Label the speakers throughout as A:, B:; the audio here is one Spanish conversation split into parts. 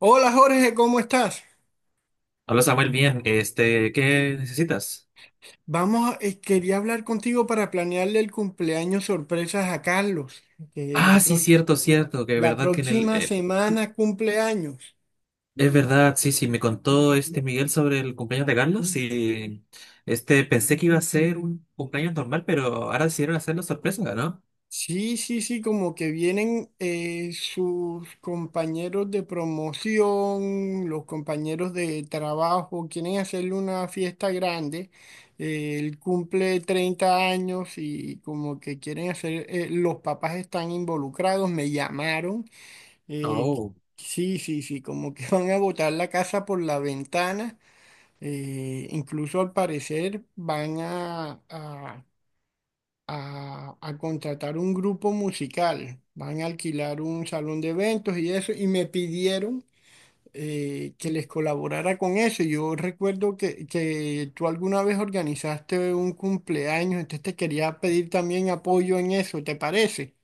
A: Hola Jorge, ¿cómo estás?
B: Hola Samuel, bien, ¿qué necesitas?
A: Vamos, quería hablar contigo para planearle el cumpleaños sorpresas a Carlos, que
B: Ah,
A: la,
B: sí,
A: prox-
B: cierto, cierto, que
A: la
B: verdad que en el...
A: próxima semana cumpleaños.
B: es verdad, sí, sí, me contó Miguel sobre el cumpleaños de Carlos y pensé que iba a ser un cumpleaños normal, pero ahora decidieron hacerlo sorpresa, ¿no?
A: Sí, sí, sí, como que vienen sus compañeros de promoción, los compañeros de trabajo, quieren hacerle una fiesta grande. Él cumple 30 años y como que quieren hacer, los papás están involucrados, me llamaron. Eh,
B: Oh.
A: sí, sí, sí, como que van a botar la casa por la ventana. Incluso al parecer van a, a contratar un grupo musical. Van a alquilar un salón de eventos y eso. Y me pidieron que les colaborara con eso. Yo recuerdo que, tú alguna vez organizaste un cumpleaños, entonces te quería pedir también apoyo en eso, ¿te parece?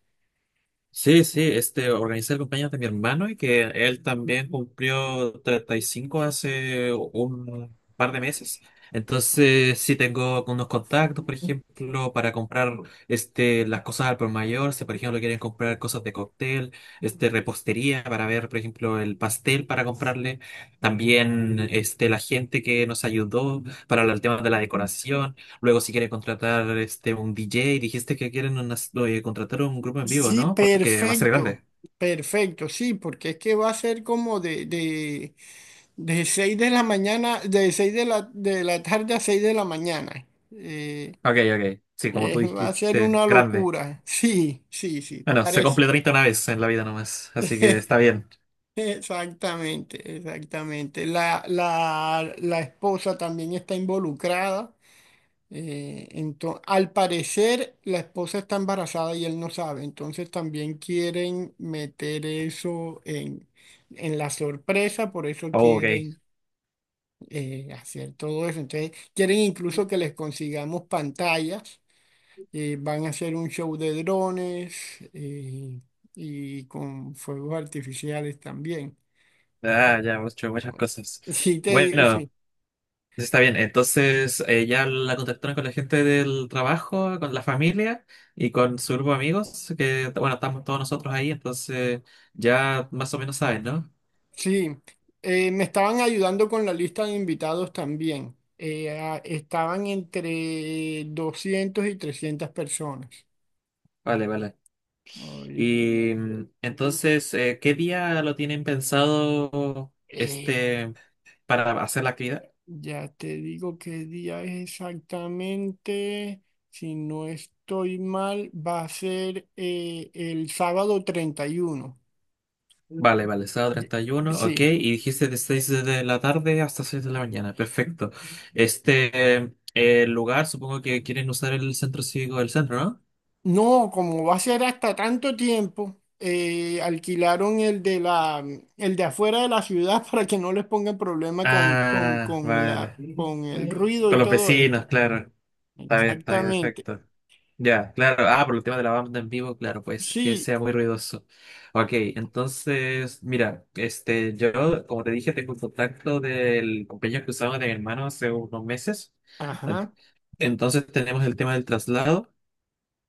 B: Sí, sí, organizé el cumpleaños de mi hermano y que él también cumplió 35 hace un par de meses. Entonces, sí tengo unos contactos, por ejemplo, para comprar las cosas al por mayor, si por ejemplo quieren comprar cosas de cóctel, repostería para ver, por ejemplo, el pastel para comprarle. También la gente que nos ayudó para el tema de la decoración. Luego, si quiere contratar un DJ, dijiste que quieren oye, contratar un grupo en vivo,
A: Sí,
B: ¿no? Porque va a ser
A: perfecto,
B: grande.
A: perfecto, sí, porque es que va a ser como de 6 de la mañana, de 6 de la tarde a 6 de la mañana.
B: Ok, ok. Sí, como tú
A: Va a ser
B: dijiste,
A: una
B: grande.
A: locura. Sí, sí, sí,
B: Bueno, se
A: parece.
B: cumple 30 una vez en la vida nomás, así que está bien.
A: Exactamente, exactamente. La esposa también está involucrada. Al parecer, la esposa está embarazada y él no sabe, entonces también quieren meter eso en la sorpresa, por eso
B: Oh, ok.
A: quieren hacer todo eso. Entonces, quieren incluso que les consigamos pantallas, van a hacer un show de drones eh, y con fuegos artificiales también.
B: Ah, ya, hemos hecho muchas cosas.
A: Sí, te digo,
B: Bueno, está bien. Entonces, ya la contactaron con la gente del trabajo, con la familia y con su grupo de amigos, que, bueno, estamos todos nosotros ahí, entonces ya más o menos saben, ¿no?
A: Sí, me estaban ayudando con la lista de invitados también. Estaban entre 200 y 300 personas.
B: Vale, vale.
A: Ahorita,
B: Y entonces, ¿qué día lo tienen pensado
A: eh,
B: para hacer la actividad?
A: ya te digo qué día es exactamente. Si no estoy mal, va a ser el sábado 31.
B: Vale, vale, sábado
A: Ye-
B: 31, ok.
A: Sí.
B: Y dijiste de 6 de la tarde hasta 6 de la mañana, perfecto. El lugar, supongo que quieren usar el centro cívico del centro, ¿no?
A: No, como va a ser hasta tanto tiempo, alquilaron el de la, el de afuera de la ciudad para que no les pongan problema con, con,
B: Ah,
A: con la,
B: vale.
A: con el ruido y
B: Con los
A: todo
B: vecinos,
A: esto.
B: claro. Está bien,
A: Exactamente.
B: perfecto. Ya, claro. Ah, por el tema de la banda en vivo, claro, puede ser que
A: Sí,
B: sea muy ruidoso. Ok, entonces, mira, yo, como te dije, tengo un contacto del compañero que usaba de mi hermano hace unos meses. Ent-
A: ajá,
B: Entonces tenemos el tema del traslado.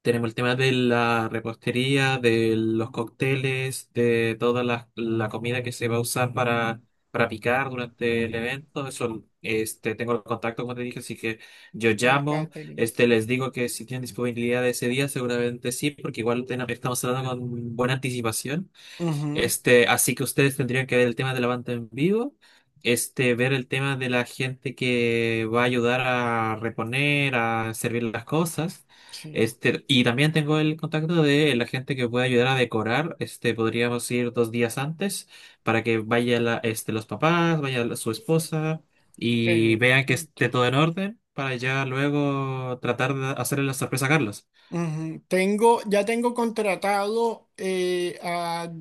B: Tenemos el tema de la repostería, de los cócteles, de toda la comida que se va a usar para, picar durante el evento. Eso, tengo el contacto, como te dije, así que yo
A: el
B: llamo,
A: catering.
B: les digo que si tienen disponibilidad ese día, seguramente sí, porque igual estamos hablando con buena anticipación.
A: Ujú,
B: Así que ustedes tendrían que ver el tema de la banda en vivo, ver el tema de la gente que va a ayudar a reponer, a servir las cosas.
A: sí,
B: Y también tengo el contacto de la gente que puede ayudar a decorar. Podríamos ir 2 días antes para que vaya los papás, vaya su esposa y vean que esté
A: perfecto.
B: todo en orden para ya luego tratar de hacerle la sorpresa a Carlos.
A: Ujú. Tengo, ya tengo contratado,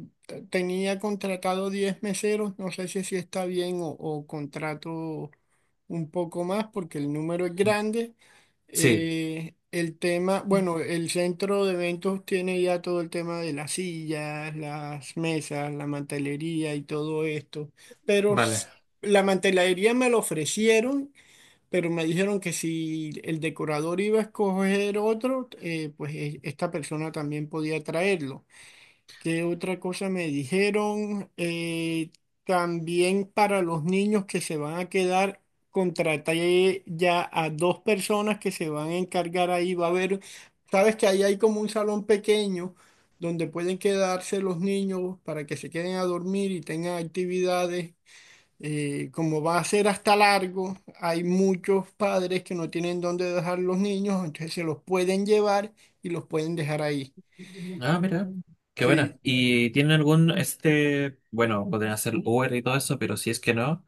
A: tenía contratado 10 meseros, no sé si así está bien o contrato un poco más porque el número es grande.
B: Sí,
A: El tema, bueno, el centro de eventos tiene ya todo el tema de las sillas, las mesas, la mantelería y todo esto. Pero
B: vale.
A: s- la mantelería me lo ofrecieron, pero me dijeron que si el decorador iba a escoger otro, esta persona también podía traerlo. ¿Qué otra cosa me dijeron? También para los niños que se van a quedar, contraté ya a dos personas que se van a encargar ahí. Va a haber, sabes que ahí hay como un salón pequeño donde pueden quedarse los niños para que se queden a dormir y tengan actividades. Como va a ser hasta largo, hay muchos padres que no tienen dónde dejar los niños, entonces se los pueden llevar y los pueden dejar ahí.
B: Ah, mira, qué buena.
A: Sí,
B: ¿Y tienen algún, bueno, podrían hacer Uber y todo eso, pero si es que no,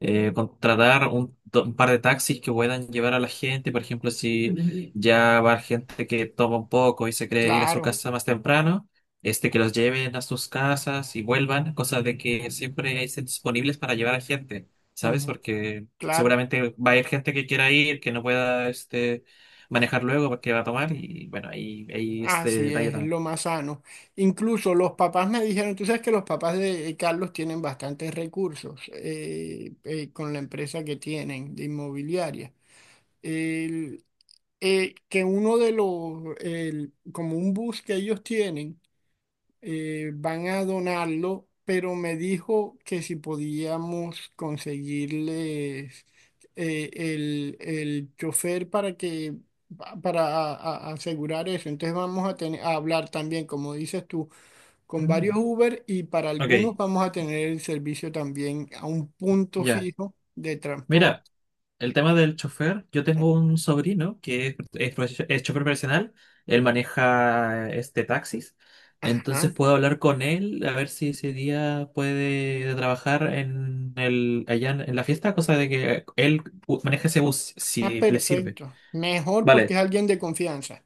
B: contratar un par de taxis que puedan llevar a la gente, por ejemplo, si ya va gente que toma un poco y se cree ir a su
A: claro.
B: casa más temprano, que los lleven a sus casas y vuelvan, cosa de que siempre estén disponibles para llevar a gente, ¿sabes?
A: Ujú.
B: Porque
A: Claro,
B: seguramente va a haber gente que quiera ir, que no pueda, manejar luego porque va a tomar y bueno, ahí, ahí este
A: así
B: detalle
A: es
B: también.
A: lo más sano. Incluso los papás me dijeron, tú sabes que los papás de Carlos tienen bastantes recursos, con la empresa que tienen de inmobiliaria. El- que uno de los, como un bus que ellos tienen, van a donarlo, pero me dijo que si podíamos conseguirles el chofer para que pa- para asegurar eso. Entonces vamos a tener a hablar también, como dices tú, con varios
B: Mm.
A: Uber y para algunos
B: Ok,
A: vamos a tener el servicio también a un punto
B: ya,
A: fijo de transporte.
B: mira, el tema del chofer, yo tengo un sobrino que es chofer profesional, él maneja taxis, entonces
A: Ajá.
B: puedo hablar con él a ver si ese día puede trabajar allá en la fiesta, cosa de que él maneje ese bus
A: Ah,
B: si le sirve.
A: perfecto. Mejor porque
B: Vale.
A: es alguien de confianza.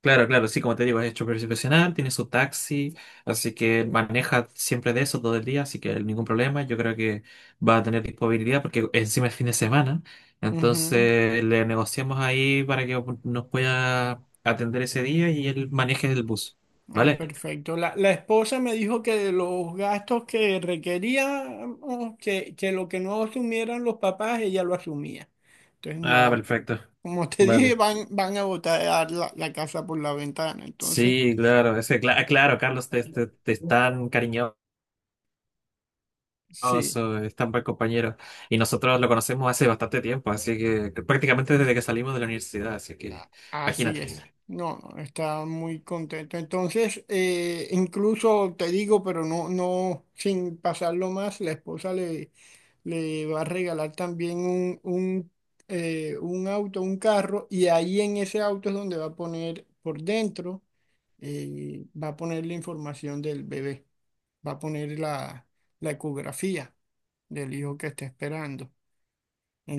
B: Claro, claro, sí, como te digo, es chofer profesional, tiene su taxi, así que maneja siempre de eso todo el día, así que ningún problema. Yo creo que va a tener disponibilidad porque encima es fin de semana,
A: Ujú.
B: entonces le negociamos ahí para que nos pueda atender ese día y él maneje el bus,
A: Ah,
B: ¿vale?
A: perfecto. La esposa me dijo que de los gastos que requería, oh, que lo que no asumieran los papás, ella lo asumía. Entonces,
B: Ah,
A: no,
B: perfecto.
A: como te dije,
B: Vale.
A: van, van a botar la casa por la ventana. Entonces,
B: Sí, claro, claro, Carlos, te están cariñosos
A: sí.
B: oso, es tan buen compañero. Y nosotros lo conocemos hace bastante tiempo, así que prácticamente desde que salimos de la universidad, así que
A: Así es.
B: imagínate.
A: No, no, está muy contento. Entonces, incluso te digo, pero no, no, sin pasarlo más, la esposa le, le va a regalar también un auto, un carro, y ahí en ese auto es donde va a poner por dentro, va a poner la información del bebé, va a poner la ecografía del hijo que está esperando.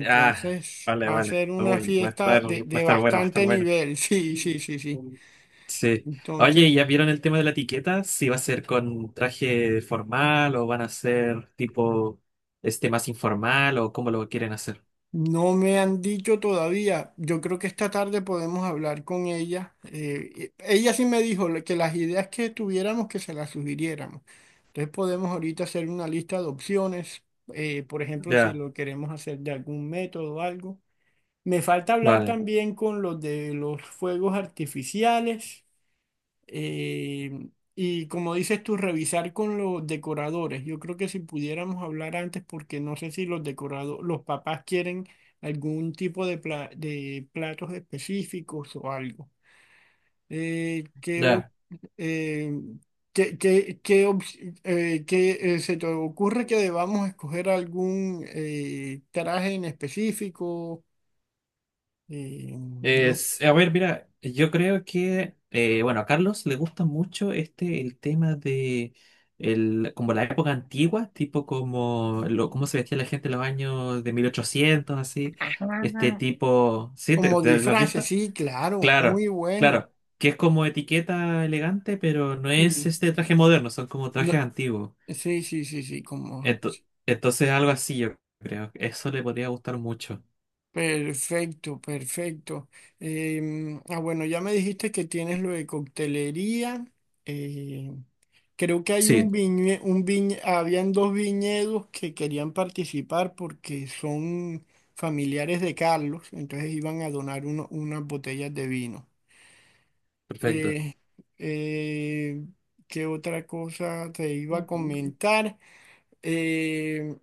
B: Ah, vale,
A: va a
B: vale.
A: ser una
B: Uy, va a
A: fiesta
B: estar, va
A: de,
B: a estar bueno, va a estar
A: bastante
B: bueno.
A: nivel, sí, sí, sí, sí.
B: Sí. Oye,
A: Entonces,
B: ¿ya vieron el tema de la etiqueta? Si va a ser con traje formal o van a ser tipo más informal o cómo lo quieren hacer.
A: no me han dicho todavía. Yo creo que esta tarde podemos hablar con ella. Ella sí me dijo que las ideas que tuviéramos, que se las sugiriéramos. Entonces podemos ahorita hacer una lista de opciones. Por ejemplo, si
B: Ya,
A: lo queremos hacer de algún método o algo. Me falta hablar
B: vale.
A: también con los de los fuegos artificiales. Eh, y como dices tú, revisar con los decoradores. Yo creo que si pudiéramos hablar antes, porque no sé si los los papás quieren algún tipo de, de platos específicos o algo. ¿Qué, o-
B: Ya.
A: eh, qué, qué- qué ops- qué, Se te ocurre que debamos escoger algún traje en específico? No.
B: A ver, mira, yo creo que, bueno, a Carlos le gusta mucho el tema de, como la época antigua, tipo como, cómo se vestía la gente en los años de 1800 así, este tipo, ¿sí? ¿Te,
A: Como
B: te lo has
A: disfraces,
B: visto?
A: sí, claro,
B: Claro,
A: muy bueno.
B: claro, que es como etiqueta elegante, pero no es
A: Sí.
B: este traje moderno, son como
A: No,
B: trajes antiguos.
A: sí, sí, sí, sí, como...
B: Ento- entonces algo así, yo creo, eso le podría gustar mucho.
A: Perfecto, perfecto. Bueno, ya me dijiste que tienes lo de coctelería. eh, Creo que hay un
B: Sí,
A: habían dos viñedos que querían participar porque son familiares de Carlos, entonces iban a donar unas botellas de vino.
B: perfecto.
A: Eh, eh, ¿Qué otra cosa te iba a comentar? Eh,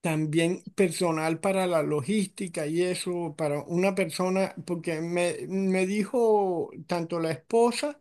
A: También personal para la logística y eso, para una persona, porque me dijo tanto la esposa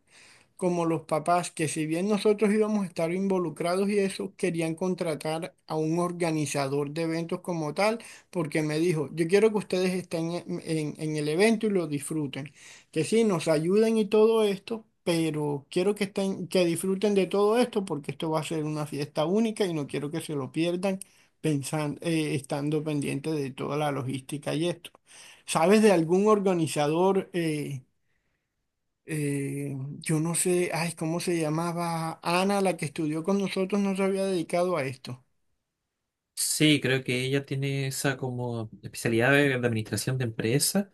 A: como los papás, que si bien nosotros íbamos a estar involucrados y eso, querían contratar a un organizador de eventos como tal, porque me dijo, yo quiero que ustedes estén en el evento y lo disfruten, que sí, nos ayuden y todo esto. Pero quiero que estén, que disfruten de todo esto porque esto va a ser una fiesta única y no quiero que se lo pierdan pensando, estando pendiente de toda la logística y esto. ¿Sabes de algún organizador? Yo no sé, ay, ¿cómo se llamaba? Ana, la que estudió con nosotros, no se había dedicado a esto.
B: Sí, creo que ella tiene esa como especialidad de, administración de empresas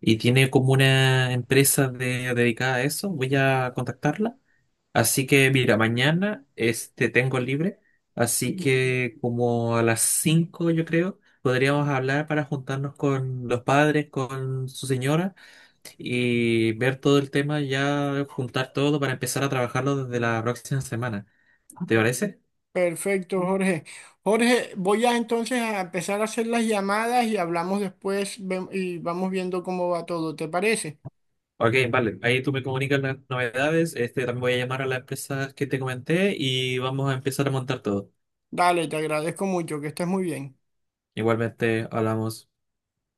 B: y tiene como una empresa dedicada a eso. Voy a contactarla. Así que mira, mañana tengo libre, así que como a las 5 yo creo podríamos hablar para juntarnos con los padres, con su señora y ver todo el tema ya, juntar todo para empezar a trabajarlo desde la próxima semana. ¿Te parece?
A: Perfecto, Jorge. Jorge, voy a entonces a empezar a hacer las llamadas y hablamos después y vamos viendo cómo va todo, ¿te parece?
B: Ok, vale. Ahí tú me comunicas las novedades. También voy a llamar a las empresas que te comenté y vamos a empezar a montar todo.
A: Dale, te agradezco mucho, que estés muy bien.
B: Igualmente, hablamos.